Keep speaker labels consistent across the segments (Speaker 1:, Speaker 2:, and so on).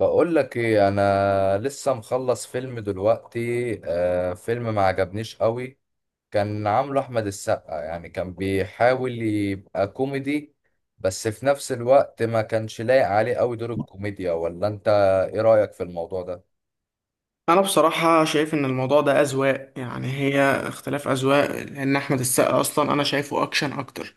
Speaker 1: بقول لك ايه، انا لسه مخلص فيلم دلوقتي. فيلم ما عجبنيش قوي. كان عامله احمد السقا، يعني كان بيحاول يبقى كوميدي، بس في نفس الوقت ما كانش لايق عليه قوي دور الكوميديا. ولا انت، ايه رأيك في الموضوع ده؟
Speaker 2: انا بصراحة شايف ان الموضوع ده اذواق. يعني هي اختلاف اذواق، لان احمد السقا اصلا انا شايفه اكشن اكتر.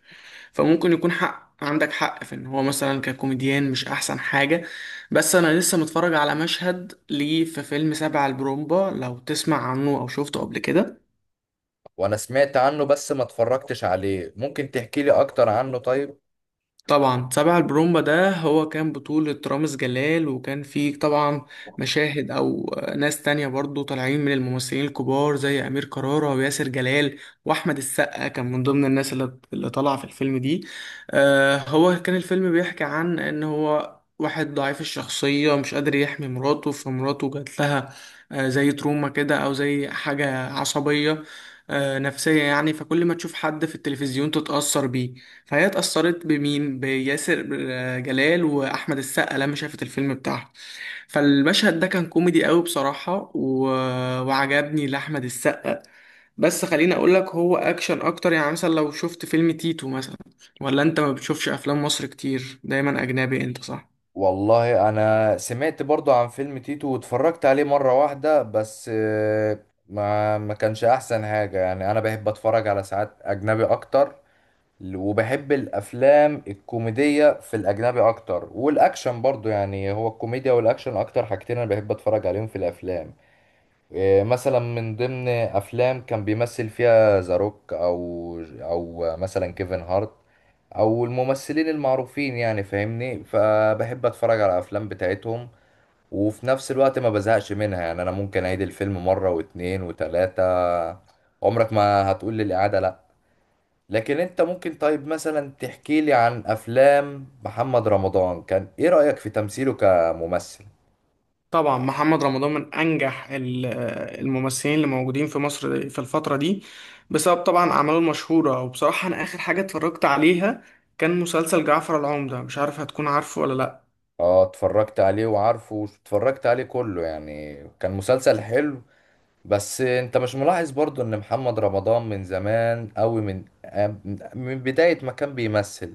Speaker 2: فممكن يكون حق، عندك حق في ان هو مثلا ككوميديان مش احسن حاجة. بس انا لسه متفرج على مشهد ليه في فيلم سبع البرومبا، لو تسمع عنه او شفته قبل كده.
Speaker 1: وانا سمعت عنه بس ما اتفرجتش عليه. ممكن تحكي لي اكتر عنه طيب؟
Speaker 2: طبعا سبع البرومبا ده هو كان بطولة رامز جلال، وكان فيه طبعا مشاهد أو ناس تانية برضو طالعين من الممثلين الكبار زي أمير كرارة وياسر جلال وأحمد السقا، كان من ضمن الناس اللي طالعة في الفيلم دي. آه، هو كان الفيلم بيحكي عن إن هو واحد ضعيف الشخصية مش قادر يحمي مراته، فمراته جات لها آه زي تروما كده أو زي حاجة عصبية، نفسية يعني. فكل ما تشوف حد في التلفزيون تتأثر بيه. فهي اتأثرت بمين؟ بياسر جلال وأحمد السقا لما شافت الفيلم بتاعها. فالمشهد ده كان كوميدي قوي بصراحة وعجبني لأحمد السقا. بس خليني أقول لك، هو أكشن أكتر. يعني مثلا لو شفت فيلم تيتو مثلا، ولا أنت ما بتشوفش أفلام مصر كتير، دايما أجنبي أنت، صح؟
Speaker 1: والله انا سمعت برضو عن فيلم تيتو واتفرجت عليه مرة واحدة بس، ما كانش احسن حاجة. يعني انا بحب اتفرج على ساعات اجنبي اكتر، وبحب الافلام الكوميدية في الاجنبي اكتر، والاكشن برضو. يعني هو الكوميديا والاكشن اكتر حاجتين انا بحب اتفرج عليهم في الافلام. إيه، مثلا من ضمن افلام كان بيمثل فيها ذا روك او مثلا كيفن هارت، او الممثلين المعروفين يعني، فاهمني؟ فبحب اتفرج على الافلام بتاعتهم. وفي نفس الوقت ما بزهقش منها، يعني انا ممكن اعيد الفيلم مرة واتنين وتلاتة، عمرك ما هتقول لي الاعادة لا. لكن انت ممكن طيب مثلا تحكي لي عن افلام محمد رمضان؟ كان ايه رأيك في تمثيله كممثل؟
Speaker 2: طبعا محمد رمضان من انجح الممثلين اللي موجودين في مصر في الفتره دي، بسبب طبعا اعماله المشهوره. وبصراحه انا اخر حاجه اتفرجت عليها كان مسلسل جعفر العمده، مش عارف هتكون عارفه ولا لا.
Speaker 1: اه اتفرجت عليه، وعارفه اتفرجت عليه كله، يعني كان مسلسل حلو. بس انت مش ملاحظ برضو ان محمد رمضان من زمان قوي، من من بداية ما كان بيمثل،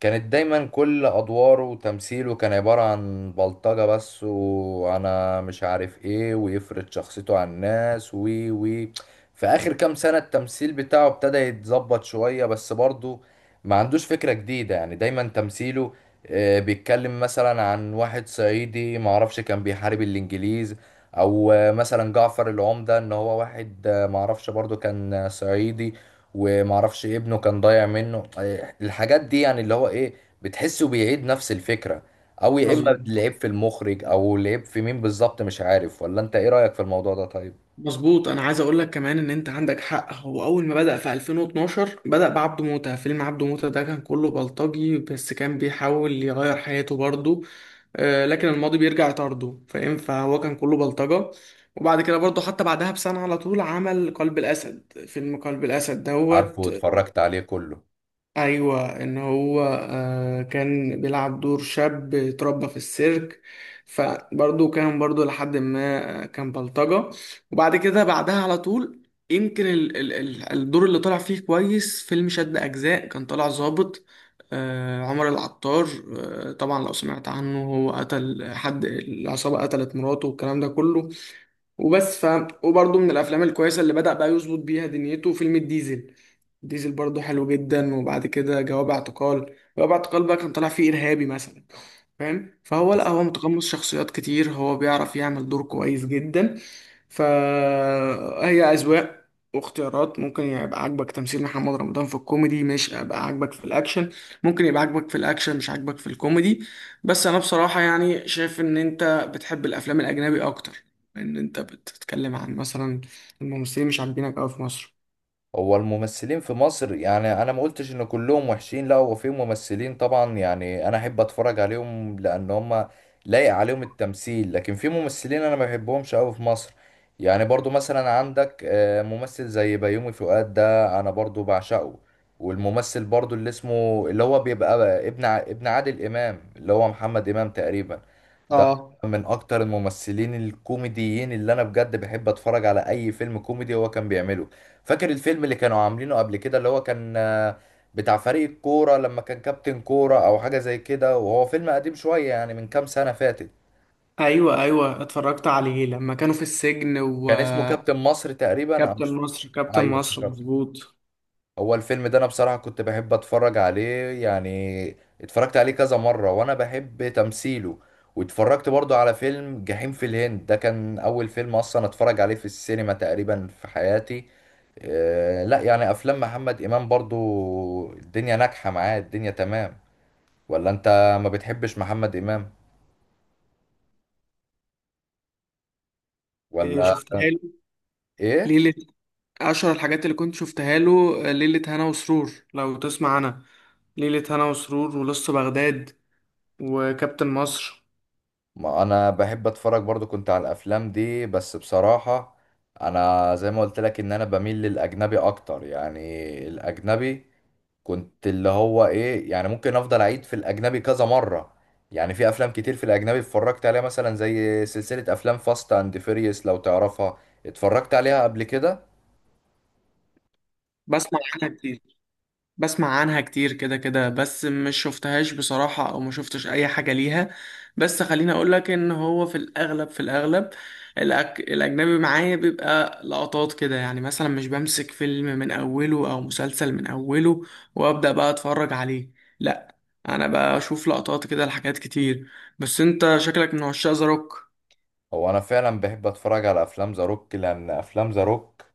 Speaker 1: كانت دايما كل ادواره وتمثيله كان عبارة عن بلطجة بس، وانا مش عارف ايه، ويفرض شخصيته على الناس، وي وي في اخر كام سنة التمثيل بتاعه ابتدى يتظبط شوية، بس برضه ما عندوش فكرة جديدة. يعني دايما تمثيله، بيتكلم مثلا عن واحد صعيدي معرفش كان بيحارب الانجليز، او مثلا جعفر العمدة ان هو واحد، معرفش برضه كان صعيدي، ومعرفش إيه، ابنه كان ضايع منه، إيه، الحاجات دي. يعني اللي هو ايه، بتحسه بيعيد نفس الفكرة، او يا اما
Speaker 2: مظبوط،
Speaker 1: العيب في المخرج او العيب في مين بالظبط، مش عارف. ولا انت ايه رأيك في الموضوع ده طيب؟
Speaker 2: مظبوط. انا عايز اقول لك كمان ان انت عندك حق. هو اول ما بدأ في 2012 بدأ بعبده موتة. فيلم عبده موتة ده كان كله بلطجي، بس كان بيحاول يغير حياته برضه. لكن الماضي بيرجع يطارده، فاهم؟ فهو كان كله بلطجة. وبعد كده برضه، حتى بعدها بسنة على طول، عمل قلب الأسد. فيلم قلب الأسد
Speaker 1: عارفه
Speaker 2: دوت.
Speaker 1: واتفرجت عليه كله.
Speaker 2: ايوه، ان هو كان بيلعب دور شاب اتربى في السيرك، فبرضه كان برضه لحد ما كان بلطجة. وبعد كده بعدها على طول يمكن ال الدور اللي طلع فيه كويس فيلم شد أجزاء، كان طلع ظابط، عمر العطار. طبعا لو سمعت عنه، هو قتل حد، العصابة قتلت مراته والكلام ده كله وبس. وبرضه من الافلام الكويسه اللي بدأ بقى يظبط بيها دنيته فيلم الديزل. الديزل برضه حلو جدا. وبعد كده جواب اعتقال. جواب اعتقال بقى كان طالع فيه ارهابي مثلا، فاهم؟ فهو لا،
Speaker 1: بس
Speaker 2: هو متقمص شخصيات كتير، هو بيعرف يعمل دور كويس جدا. فهي أذواق واختيارات. ممكن يبقى عاجبك تمثيل محمد رمضان في الكوميدي، مش يبقى عاجبك في الأكشن. ممكن يبقى عاجبك في الأكشن، مش عاجبك في الكوميدي. بس أنا بصراحة يعني شايف إن أنت بتحب الأفلام الأجنبي أكتر، لأن أنت بتتكلم عن مثلا الممثلين مش عاجبينك أوي في مصر.
Speaker 1: هو الممثلين في مصر، يعني انا ما قلتش ان كلهم وحشين، لا. هو في ممثلين طبعا يعني انا احب اتفرج عليهم لان هم لايق عليهم التمثيل، لكن في ممثلين انا ما بحبهمش قوي في مصر. يعني برضو مثلا عندك ممثل زي بيومي فؤاد، ده انا برضو بعشقه. والممثل برضو اللي اسمه، اللي هو بيبقى ابن ابن عادل امام، اللي هو محمد امام تقريبا، ده
Speaker 2: اه.
Speaker 1: من اكتر الممثلين الكوميديين اللي انا بجد بحب اتفرج على اي فيلم كوميدي هو كان بيعمله. فاكر الفيلم اللي كانوا عاملينه قبل كده، اللي هو كان بتاع فريق الكورة، لما كان كابتن كورة أو حاجة زي كده؟ وهو فيلم قديم شوية يعني، من كام سنة فاتت.
Speaker 2: ايوه، ايوه، اتفرجت عليه لما كانوا في السجن.
Speaker 1: كان اسمه
Speaker 2: وكابتن
Speaker 1: كابتن مصر تقريبا أو مش فاكر.
Speaker 2: مصر، كابتن
Speaker 1: أيوه
Speaker 2: مصر،
Speaker 1: افتكرته.
Speaker 2: مظبوط.
Speaker 1: هو الفيلم ده أنا بصراحة كنت بحب أتفرج عليه يعني، اتفرجت عليه كذا مرة، وأنا بحب تمثيله. واتفرجت برضو على فيلم جحيم في الهند، ده كان أول فيلم أصلا أتفرج عليه في السينما تقريبا في حياتي. لا يعني افلام محمد امام برضو الدنيا ناجحه معاه، الدنيا تمام. ولا انت ما بتحبش محمد امام ولا
Speaker 2: شفتها له
Speaker 1: ايه؟
Speaker 2: ليلة، أشهر الحاجات اللي كنت شفتها له ليلة هنا وسرور، لو تسمع. أنا ليلة هنا وسرور ولص بغداد وكابتن مصر.
Speaker 1: ما انا بحب اتفرج برضو، كنت على الافلام دي، بس بصراحه انا زي ما قلت لك ان انا بميل للاجنبي اكتر. يعني الاجنبي كنت اللي هو ايه يعني، ممكن افضل اعيد في الاجنبي كذا مره. يعني في افلام كتير في الاجنبي اتفرجت عليها، مثلا زي سلسله افلام فاست اند فيريوس لو تعرفها، اتفرجت عليها قبل كده.
Speaker 2: بسمع عنها كتير، بسمع عنها كتير كده كده، بس مش شفتهاش بصراحة، او ما شفتش اي حاجة ليها. بس خليني اقولك ان هو في الاغلب، في الاغلب الاجنبي معايا بيبقى لقطات كده. يعني مثلا مش بمسك فيلم من اوله او مسلسل من اوله وابدأ بقى اتفرج عليه، لا. انا بشوف لقطات كده لحاجات كتير. بس انت شكلك من عشاق ذا روك.
Speaker 1: هو انا فعلا بحب اتفرج على افلام ذا روك، لان افلام ذا روك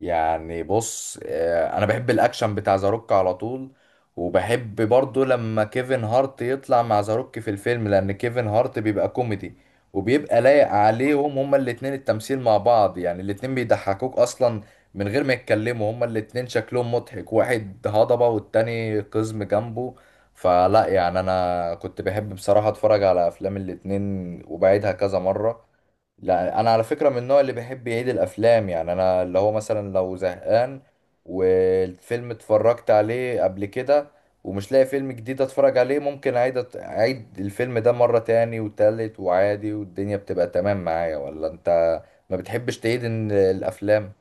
Speaker 1: يعني، بص، انا بحب الاكشن بتاع ذا روك على طول. وبحب برضو لما كيفن هارت يطلع مع ذا روك في الفيلم، لان كيفن هارت بيبقى كوميدي، وبيبقى لايق عليهم هما الاتنين التمثيل مع بعض. يعني الاتنين بيضحكوك اصلا من غير ما يتكلموا، هما الاتنين شكلهم مضحك، واحد هضبة والتاني قزم جنبه. فلا، يعني انا كنت بحب بصراحة اتفرج على افلام الاتنين، وبعيدها كذا مرة. لا انا على فكره من النوع اللي بيحب يعيد الافلام. يعني انا اللي هو مثلا لو زهقان، والفيلم اتفرجت عليه قبل كده، ومش لاقي فيلم جديد اتفرج عليه، ممكن اعيد اعيد الفيلم ده مره تاني وتالت، وعادي والدنيا بتبقى تمام معايا. ولا انت ما بتحبش تعيد الافلام؟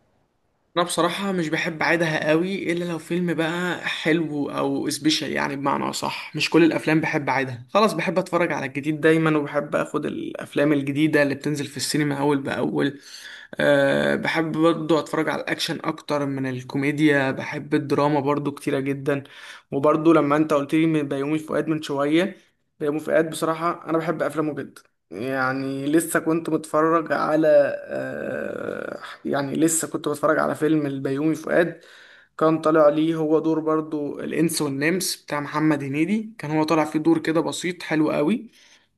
Speaker 2: انا بصراحة مش بحب اعيدها قوي، الا لو فيلم بقى حلو او سبيشال. يعني بمعنى اصح مش كل الافلام بحب اعيدها، خلاص بحب اتفرج على الجديد دايما، وبحب اخد الافلام الجديدة اللي بتنزل في السينما اول باول. أه بحب برضو اتفرج على الاكشن اكتر من الكوميديا. بحب الدراما برضو كتيرة جدا. وبرضو لما انت قلت لي من بيومي فؤاد من شوية، بيومي فؤاد بصراحة انا بحب افلامه جدا. يعني لسه كنت متفرج على آه، يعني لسه كنت بتفرج على فيلم البيومي فؤاد، كان طالع ليه هو دور برضو الإنس والنمس بتاع محمد هنيدي، كان هو طالع فيه دور كده بسيط حلو قوي،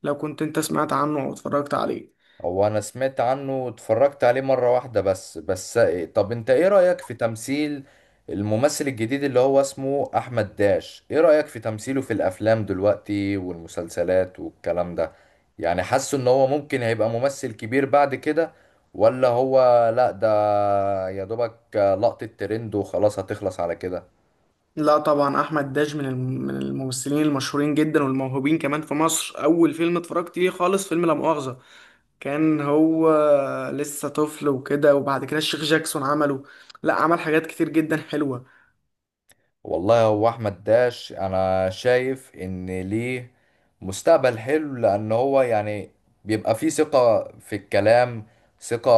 Speaker 2: لو كنت انت سمعت عنه او اتفرجت عليه.
Speaker 1: هو انا سمعت عنه واتفرجت عليه مرة واحدة بس. بس طب انت ايه رأيك في تمثيل الممثل الجديد اللي هو اسمه احمد داش؟ ايه رأيك في تمثيله في الافلام دلوقتي والمسلسلات والكلام ده؟ يعني حاسه ان هو ممكن هيبقى ممثل كبير بعد كده، ولا هو لا ده يا دوبك لقطة ترند وخلاص هتخلص على كده؟
Speaker 2: لا طبعا، احمد داش من من الممثلين المشهورين جدا والموهوبين كمان في مصر. اول فيلم اتفرجت ليه خالص فيلم لا مؤاخذة، كان هو لسه طفل وكده. وبعد كده الشيخ جاكسون عمله، لا عمل حاجات كتير جدا حلوة.
Speaker 1: والله هو احمد داش انا شايف ان ليه مستقبل حلو، لان هو يعني بيبقى فيه ثقة في الكلام، ثقة،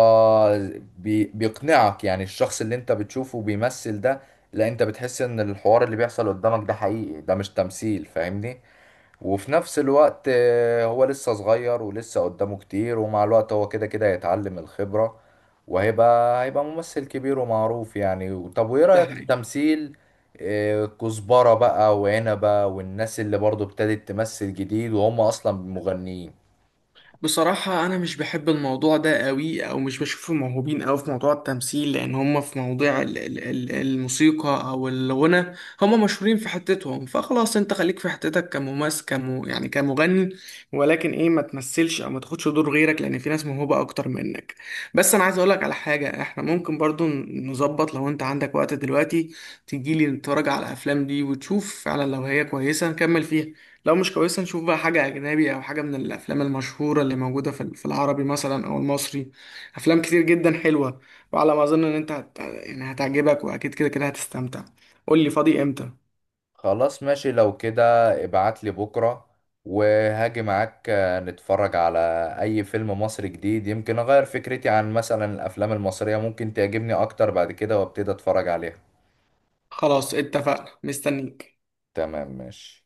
Speaker 1: بيقنعك. يعني الشخص اللي انت بتشوفه بيمثل ده، لا انت بتحس ان الحوار اللي بيحصل قدامك ده حقيقي، ده مش تمثيل، فاهمني؟ وفي نفس الوقت هو لسه صغير ولسه قدامه كتير، ومع الوقت هو كده كده هيتعلم الخبرة، وهيبقى ممثل كبير ومعروف يعني. طب وايه
Speaker 2: ده
Speaker 1: رأيك في
Speaker 2: حقيقي.
Speaker 1: تمثيل كزبرة بقى، وعنبة، والناس اللي برضو ابتدت تمثل جديد وهم اصلا مغنيين؟
Speaker 2: بصراحة أنا مش بحب الموضوع ده قوي، أو مش بشوفهم موهوبين قوي في موضوع التمثيل، لأن هم في مواضيع الموسيقى أو الغنى، هم مشهورين في حتتهم. فخلاص أنت خليك في حتتك كممثل، كم يعني كمغني، ولكن إيه ما تمثلش أو ما تاخدش دور غيرك، لأن في ناس موهوبة أكتر منك. بس أنا عايز أقولك على حاجة، إحنا ممكن برضو نظبط لو أنت عندك وقت دلوقتي تجيلي نتفرج على الأفلام دي، وتشوف فعلا لو هي كويسة نكمل فيها، لو مش كويسة نشوف بقى حاجة أجنبي أو حاجة من الأفلام المشهورة اللي موجودة في في العربي مثلا أو المصري. أفلام كتير جدا حلوة، وعلى ما أظن إن أنت يعني هتعجبك، وأكيد كده كده هتستمتع. قول لي فاضي إمتى.
Speaker 1: خلاص ماشي لو كده، ابعت لي بكرة وهاجي معاك، نتفرج على اي فيلم مصري جديد. يمكن اغير فكرتي عن مثلا الافلام المصرية، ممكن تعجبني اكتر بعد كده وابتدي اتفرج عليها.
Speaker 2: خلاص اتفقنا، مستنيك.
Speaker 1: تمام ماشي.